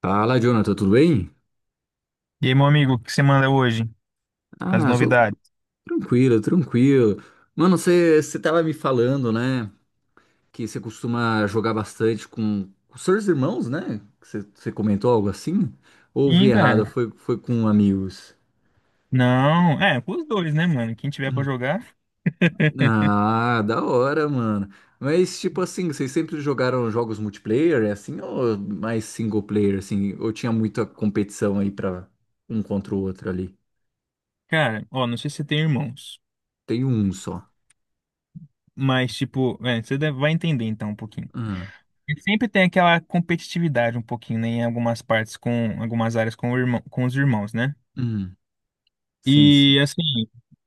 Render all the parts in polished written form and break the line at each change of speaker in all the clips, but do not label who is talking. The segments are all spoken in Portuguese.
Fala, Jonathan, tudo bem?
E aí, meu amigo, o que você manda hoje? As
Ah, sou
novidades?
tranquilo, tranquilo. Mano, você tava me falando, né, que você costuma jogar bastante com seus irmãos, né? Você comentou algo assim? Ou ouvi
Sim,
errado,
cara.
foi com amigos?
Não, pros dois, né, mano? Quem tiver pra jogar.
Ah, da hora, mano. Mas, tipo assim, vocês sempre jogaram jogos multiplayer, é assim, ou mais single player, assim? Ou tinha muita competição aí pra um contra o outro ali?
Cara, ó, não sei se você tem irmãos,
Tem um só.
mas, tipo, vai entender então um pouquinho.
Ah,
E sempre tem aquela competitividade um pouquinho, né, em algumas partes algumas áreas o irmão, com os irmãos, né?
hum, sim, sim.
E assim,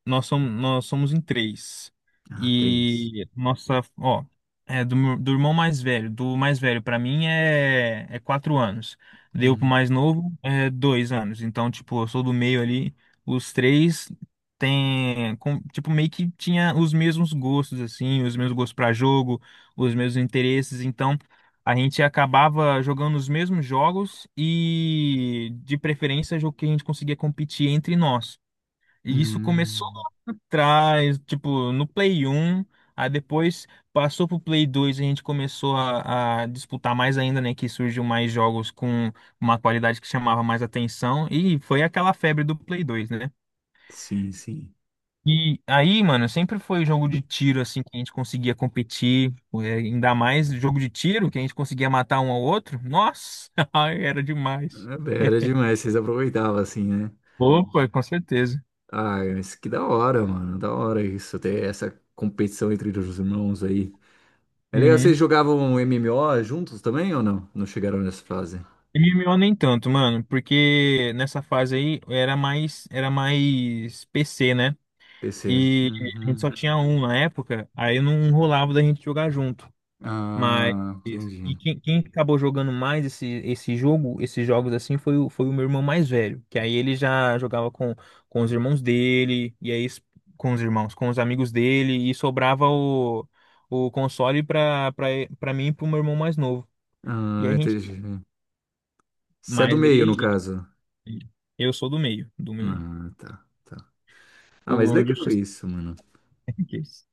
nós somos em três.
Ah, três.
E nossa, ó, é do irmão mais velho. Do mais velho pra mim é 4 anos. Deu pro
Hum,
mais novo é 2 anos. Então, tipo, eu sou do meio ali. Os três tem, tipo, meio que tinha os mesmos gostos, assim, os mesmos gostos pra jogo, os mesmos interesses. Então, a gente acabava jogando os mesmos jogos e, de preferência, jogo que a gente conseguia competir entre nós. E isso começou
hum,
lá atrás, tipo, no Play 1. Aí depois passou pro Play 2, a gente começou a disputar mais ainda, né? Que surgiu mais jogos com uma qualidade que chamava mais atenção, e foi aquela febre do Play 2, né?
sim, sim.
E aí, mano, sempre foi jogo de tiro, assim, que a gente conseguia competir, ainda mais jogo de tiro, que a gente conseguia matar um ao outro. Nossa, ai, era demais.
É, bem, era demais, vocês aproveitavam assim, né?
Opa, com certeza.
Ah, mas que da hora, mano. Da hora isso, ter essa competição entre os irmãos aí. É legal, vocês
Uhum.
jogavam MMO juntos também ou não? Não chegaram nessa fase?
MMO nem tanto, mano, porque nessa fase aí era mais PC, né?
PC.
E a gente
Uhum.
só tinha um na época, aí não rolava da gente jogar junto. Mas
Ah,
e
entendi.
quem acabou jogando mais esse jogo, esses jogos assim, foi o meu irmão mais velho, que aí ele já jogava com os irmãos dele, e aí com os irmãos, com os amigos dele, e sobrava o console pra mim e pro meu irmão mais novo. E
Ah,
a gente.
entendi. Você é do
Mas
meio, no
ele.
caso.
Eu sou do meio, do meio.
Ah, tá, tá. Ah, mas
O
legal
injustice
isso, mano.
Case.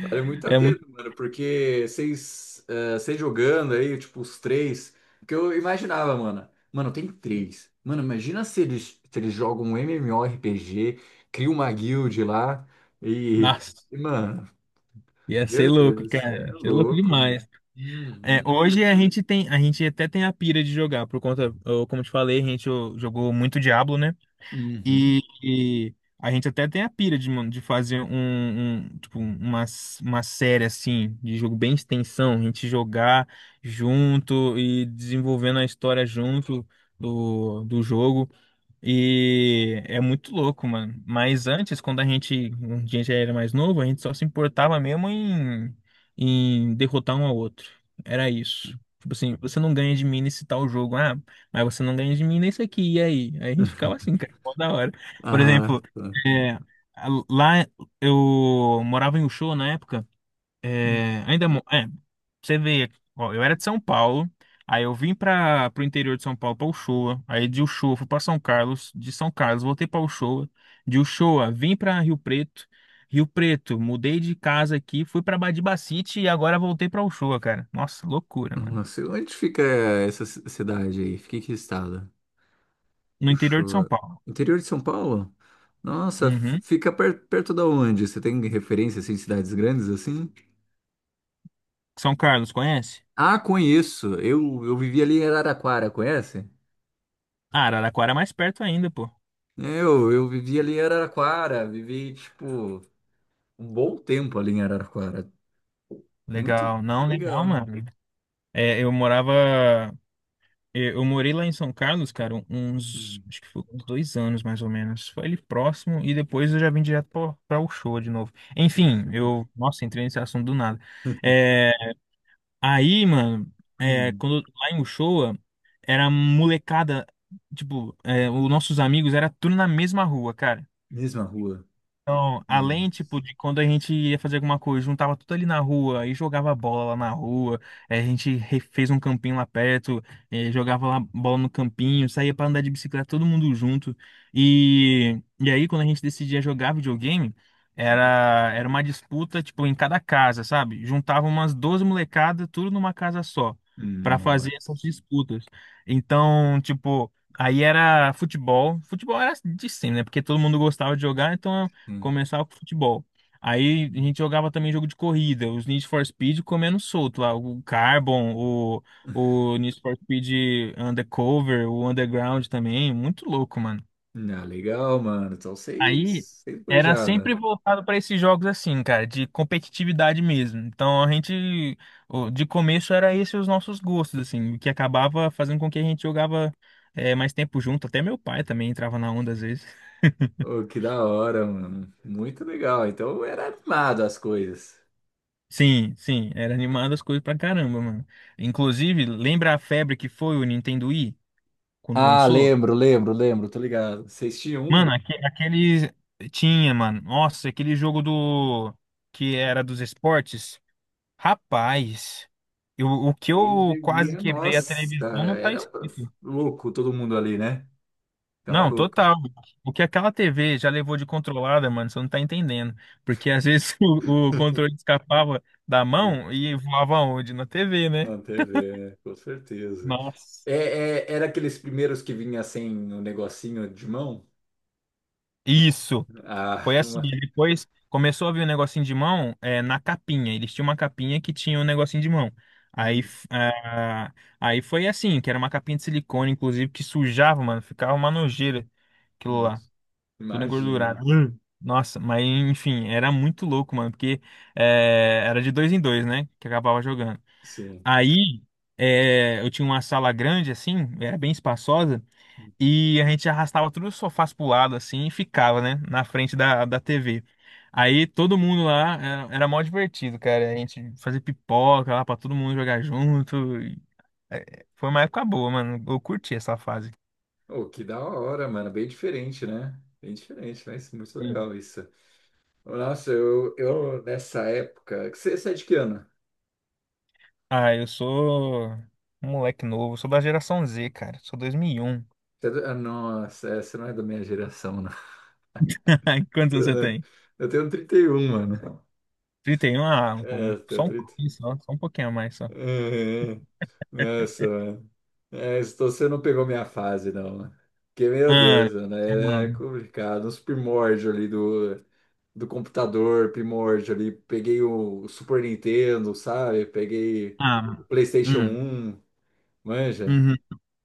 Vale muito a
É
pena,
muito.
mano, porque vocês, vocês jogando aí, tipo, os três, que eu imaginava, mano. Mano, tem três. Mano, imagina se eles, se eles jogam um MMORPG, criam uma guild lá e,
Nossa,
e, mano,
ia ser
meu
louco,
Deus, cê
cara.
é
Ia ser louco
louco, mano.
demais. É,
Uhum,
hoje a gente até tem a pira de jogar, por conta, como te falei, a gente ó, jogou muito Diablo, né?
uhum.
E a gente até tem a pira de, mano, de fazer um, tipo, uma série assim, de jogo bem extensão, a gente jogar junto e desenvolvendo a história junto do jogo. E é muito louco, mano. Mas antes, quando a gente já era mais novo, a gente só se importava mesmo em derrotar um ao outro. Era isso. Tipo assim, você não ganha de mim nesse tal jogo. Ah, mas você não ganha de mim nesse aqui. E aí? Aí a gente ficava assim, cara, mó da hora. Por
Ah,
exemplo,
tá.
é, lá eu morava em Ushua na época. É, ainda, você vê, ó, eu era de São Paulo, aí eu vim para pro interior de São Paulo para Uchoa, aí de Uchoa fui para São Carlos, de São Carlos voltei para Uchoa, de Uchoa vim para Rio Preto, Rio Preto, mudei de casa aqui, fui para Badibacite e agora voltei para Uchoa, cara. Nossa, loucura,
Não,
mano.
onde fica essa cidade aí? Fica em que estado?
No interior de São
Puxou.
Paulo.
Interior de São Paulo? Nossa,
Uhum.
fica perto da onde? Você tem referência assim, em cidades grandes assim?
São Carlos, conhece?
Ah, conheço. Eu vivi ali em Araraquara, conhece?
Ah, Araraquara é mais perto ainda, pô.
Eu vivi ali em Araraquara, vivi tipo um bom tempo ali em Araraquara. Muito
Legal, não, legal,
legal.
mano. É, eu morava. Eu morei lá em São Carlos, cara, uns,
Hum,
acho que foi uns 2 anos mais ou menos. Foi ali próximo e depois eu já vim direto pra Uchoa de novo. Enfim,
puxa, né?
eu, nossa, entrei nesse assunto do nada. É, aí, mano,
Hum,
quando lá em Uchoa era molecada, tipo, os nossos amigos era tudo na mesma rua, cara.
mesma rua.
Então, além,
Nossa.
tipo, de quando a gente ia fazer alguma coisa, juntava tudo ali na rua e jogava bola lá na rua. A gente fez um campinho lá perto, jogava lá bola no campinho, saía pra andar de bicicleta todo mundo junto. E aí, quando a gente decidia jogar videogame, era uma disputa, tipo, em cada casa, sabe? Juntava umas 12 molecadas, tudo numa casa só, pra
Nossa.
fazer essas disputas. Então, tipo... Aí era futebol. Futebol era de sempre, né? Porque todo mundo gostava de jogar, então
Hum.
começava com futebol. Aí a
Hum.
gente jogava também jogo de corrida, os Need for Speed comendo solto lá, o Carbon, o Need for Speed Undercover, o Underground também, muito louco, mano.
Ah, legal, mano. Então
Aí
vocês, vocês
era
manjavam.
sempre voltado para esses jogos assim, cara, de competitividade mesmo. Então a gente, de começo era esses os nossos gostos, assim, o que acabava fazendo com que a gente jogava mais tempo junto. Até meu pai também entrava na onda às vezes.
Ô, que da hora, mano. Muito legal. Então era animado as coisas.
Sim, sim, era animado as coisas pra caramba, mano. Inclusive, lembra a febre que foi o Nintendo Wii quando
Ah,
lançou?
lembro, lembro, lembro, tô ligado. Vocês tinham
Mano,
um?
aquele, tinha, mano. Nossa, aquele jogo do que era dos esportes. Rapaz, o que
Eles
eu quase
deviam.
quebrei a
Nossa,
televisão não tá
era
escrito.
um louco todo mundo ali, né? Tava
Não,
louco.
total. O que aquela TV já levou de controlada, mano, você não tá entendendo. Porque às vezes o controle escapava da mão e voava onde? Na TV, né?
Na TV, né? Com certeza.
Nossa.
É, era aqueles primeiros que vinha sem o negocinho de mão?
Isso.
Ah,
Foi assim,
uma...
e depois começou a vir um negocinho de mão na capinha. Eles tinham uma capinha que tinha um negocinho de mão. Aí,
Hum,
f- ah, aí foi assim, que era uma capinha de silicone, inclusive, que sujava, mano. Ficava uma nojeira aquilo
hum,
lá, tudo
imagina, né?
engordurado. Nossa, mas enfim, era muito louco, mano, porque era de dois em dois, né? Que acabava jogando.
Sim.
Aí eu tinha uma sala grande, assim, era bem espaçosa. E a gente arrastava todos os sofás pro lado, assim, e ficava, né? Na frente da TV. Aí todo mundo lá era mó divertido, cara. A gente fazia pipoca lá pra todo mundo jogar junto. E, foi uma época boa, mano. Eu curti essa fase.
Oh, que da hora, mano. Bem diferente, né? Bem diferente, mas muito
E-
legal isso. Nossa, eu nessa época. Você é de que ano?
ah, eu sou um moleque novo. Sou da geração Z, cara. Sou 2001.
Você é ah, nossa, é, você não é da minha geração, não.
Quantos anos
Eu
você
não-
tem?
eu tenho 31 mano.
31? Ah,
É, eu tenho
só um
trinta.
pouquinho, só um pouquinho a mais, só.
Uhum. Nossa, mano. É, então você não pegou minha fase, não, mano. Porque, meu
Ah,
Deus, mano, era
mano.
complicado. Os primórdios ali do, do computador, primórdio ali. Peguei o Super Nintendo, sabe? Peguei o
Ah,
PlayStation
hum.
um, manja.
Uhum.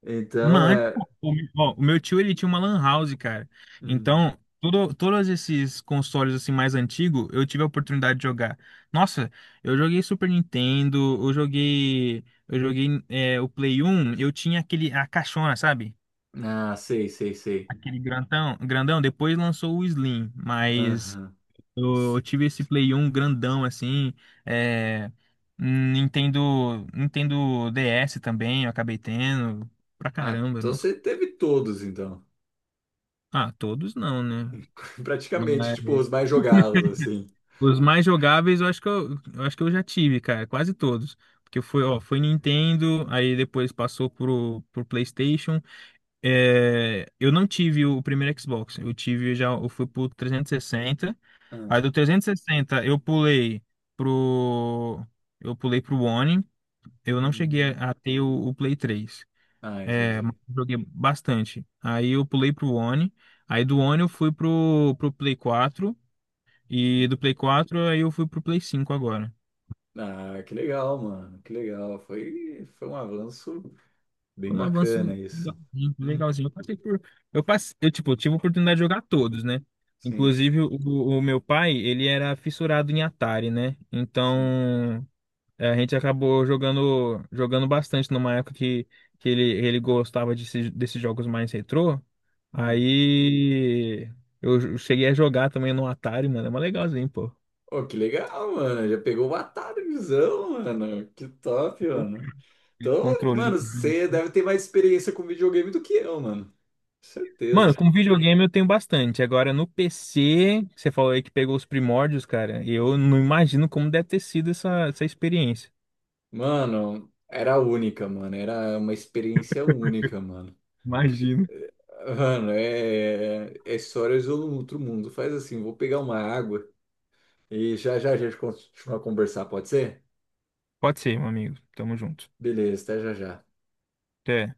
Então,
Mano, pô,
é.
o meu tio ele tinha uma lan house, cara.
Hum.
Então, todos esses consoles assim mais antigos, eu tive a oportunidade de jogar. Nossa, eu joguei Super Nintendo, eu joguei o Play 1, eu tinha aquele a caixona, sabe?
Ah, sei, sei, sei.
Aquele grandão, grandão, depois lançou o Slim, mas
Aham.
eu tive esse Play 1 grandão assim, é, Nintendo DS também, eu acabei tendo pra
Ah,
caramba,
então
nossa.
você teve todos, então.
Ah, todos não, né? Mas
Praticamente, tipo, os mais jogados, assim.
os mais jogáveis eu acho que eu já tive, cara, quase todos. Porque ó, foi Nintendo, aí depois passou pro PlayStation. É, eu não tive o primeiro Xbox, eu tive já, eu fui pro 360.
Ah,
Aí do 360, eu pro pulei pro One. Eu não cheguei
hum.
a ter o Play 3.
Ah,
É, mas
entendi.
joguei bastante. Aí eu pulei pro One. Aí do One eu fui pro Play 4. E
Hum.
do Play 4, aí eu fui pro Play 5 agora.
Ah, que legal, mano. Que legal. Foi, foi um avanço bem
Foi um avanço
bacana isso.
legalzinho,
Hum.
legalzinho. Eu passei por. Eu passei, eu, tipo, tive a oportunidade de jogar todos, né?
Sim,
Inclusive, o meu pai, ele era fissurado em Atari, né?
sim.
Então, a gente acabou jogando bastante numa época que ele gostava desses jogos mais retrô.
Hum.
Aí eu cheguei a jogar também no Atari, mano. É mais legalzinho, pô.
Oh, que legal, mano. Já pegou o visão, mano. Que top,
Opa,
mano.
aquele
Então,
Controlinho.
mano, você
Assim.
deve ter mais experiência com videogame do que eu, mano.
Mano,
Certeza.
com videogame eu tenho bastante. Agora no PC, você falou aí que pegou os primórdios, cara. Eu não imagino como deve ter sido essa experiência.
Mano, era única, mano. Era uma experiência única, mano. Tipo,
Imagino.
mano, é, é histórias do outro mundo. Faz assim, vou pegar uma água e já já a gente continua a conversar, pode ser?
Pode ser, meu amigo. Tamo junto.
Beleza, até já já.
Até.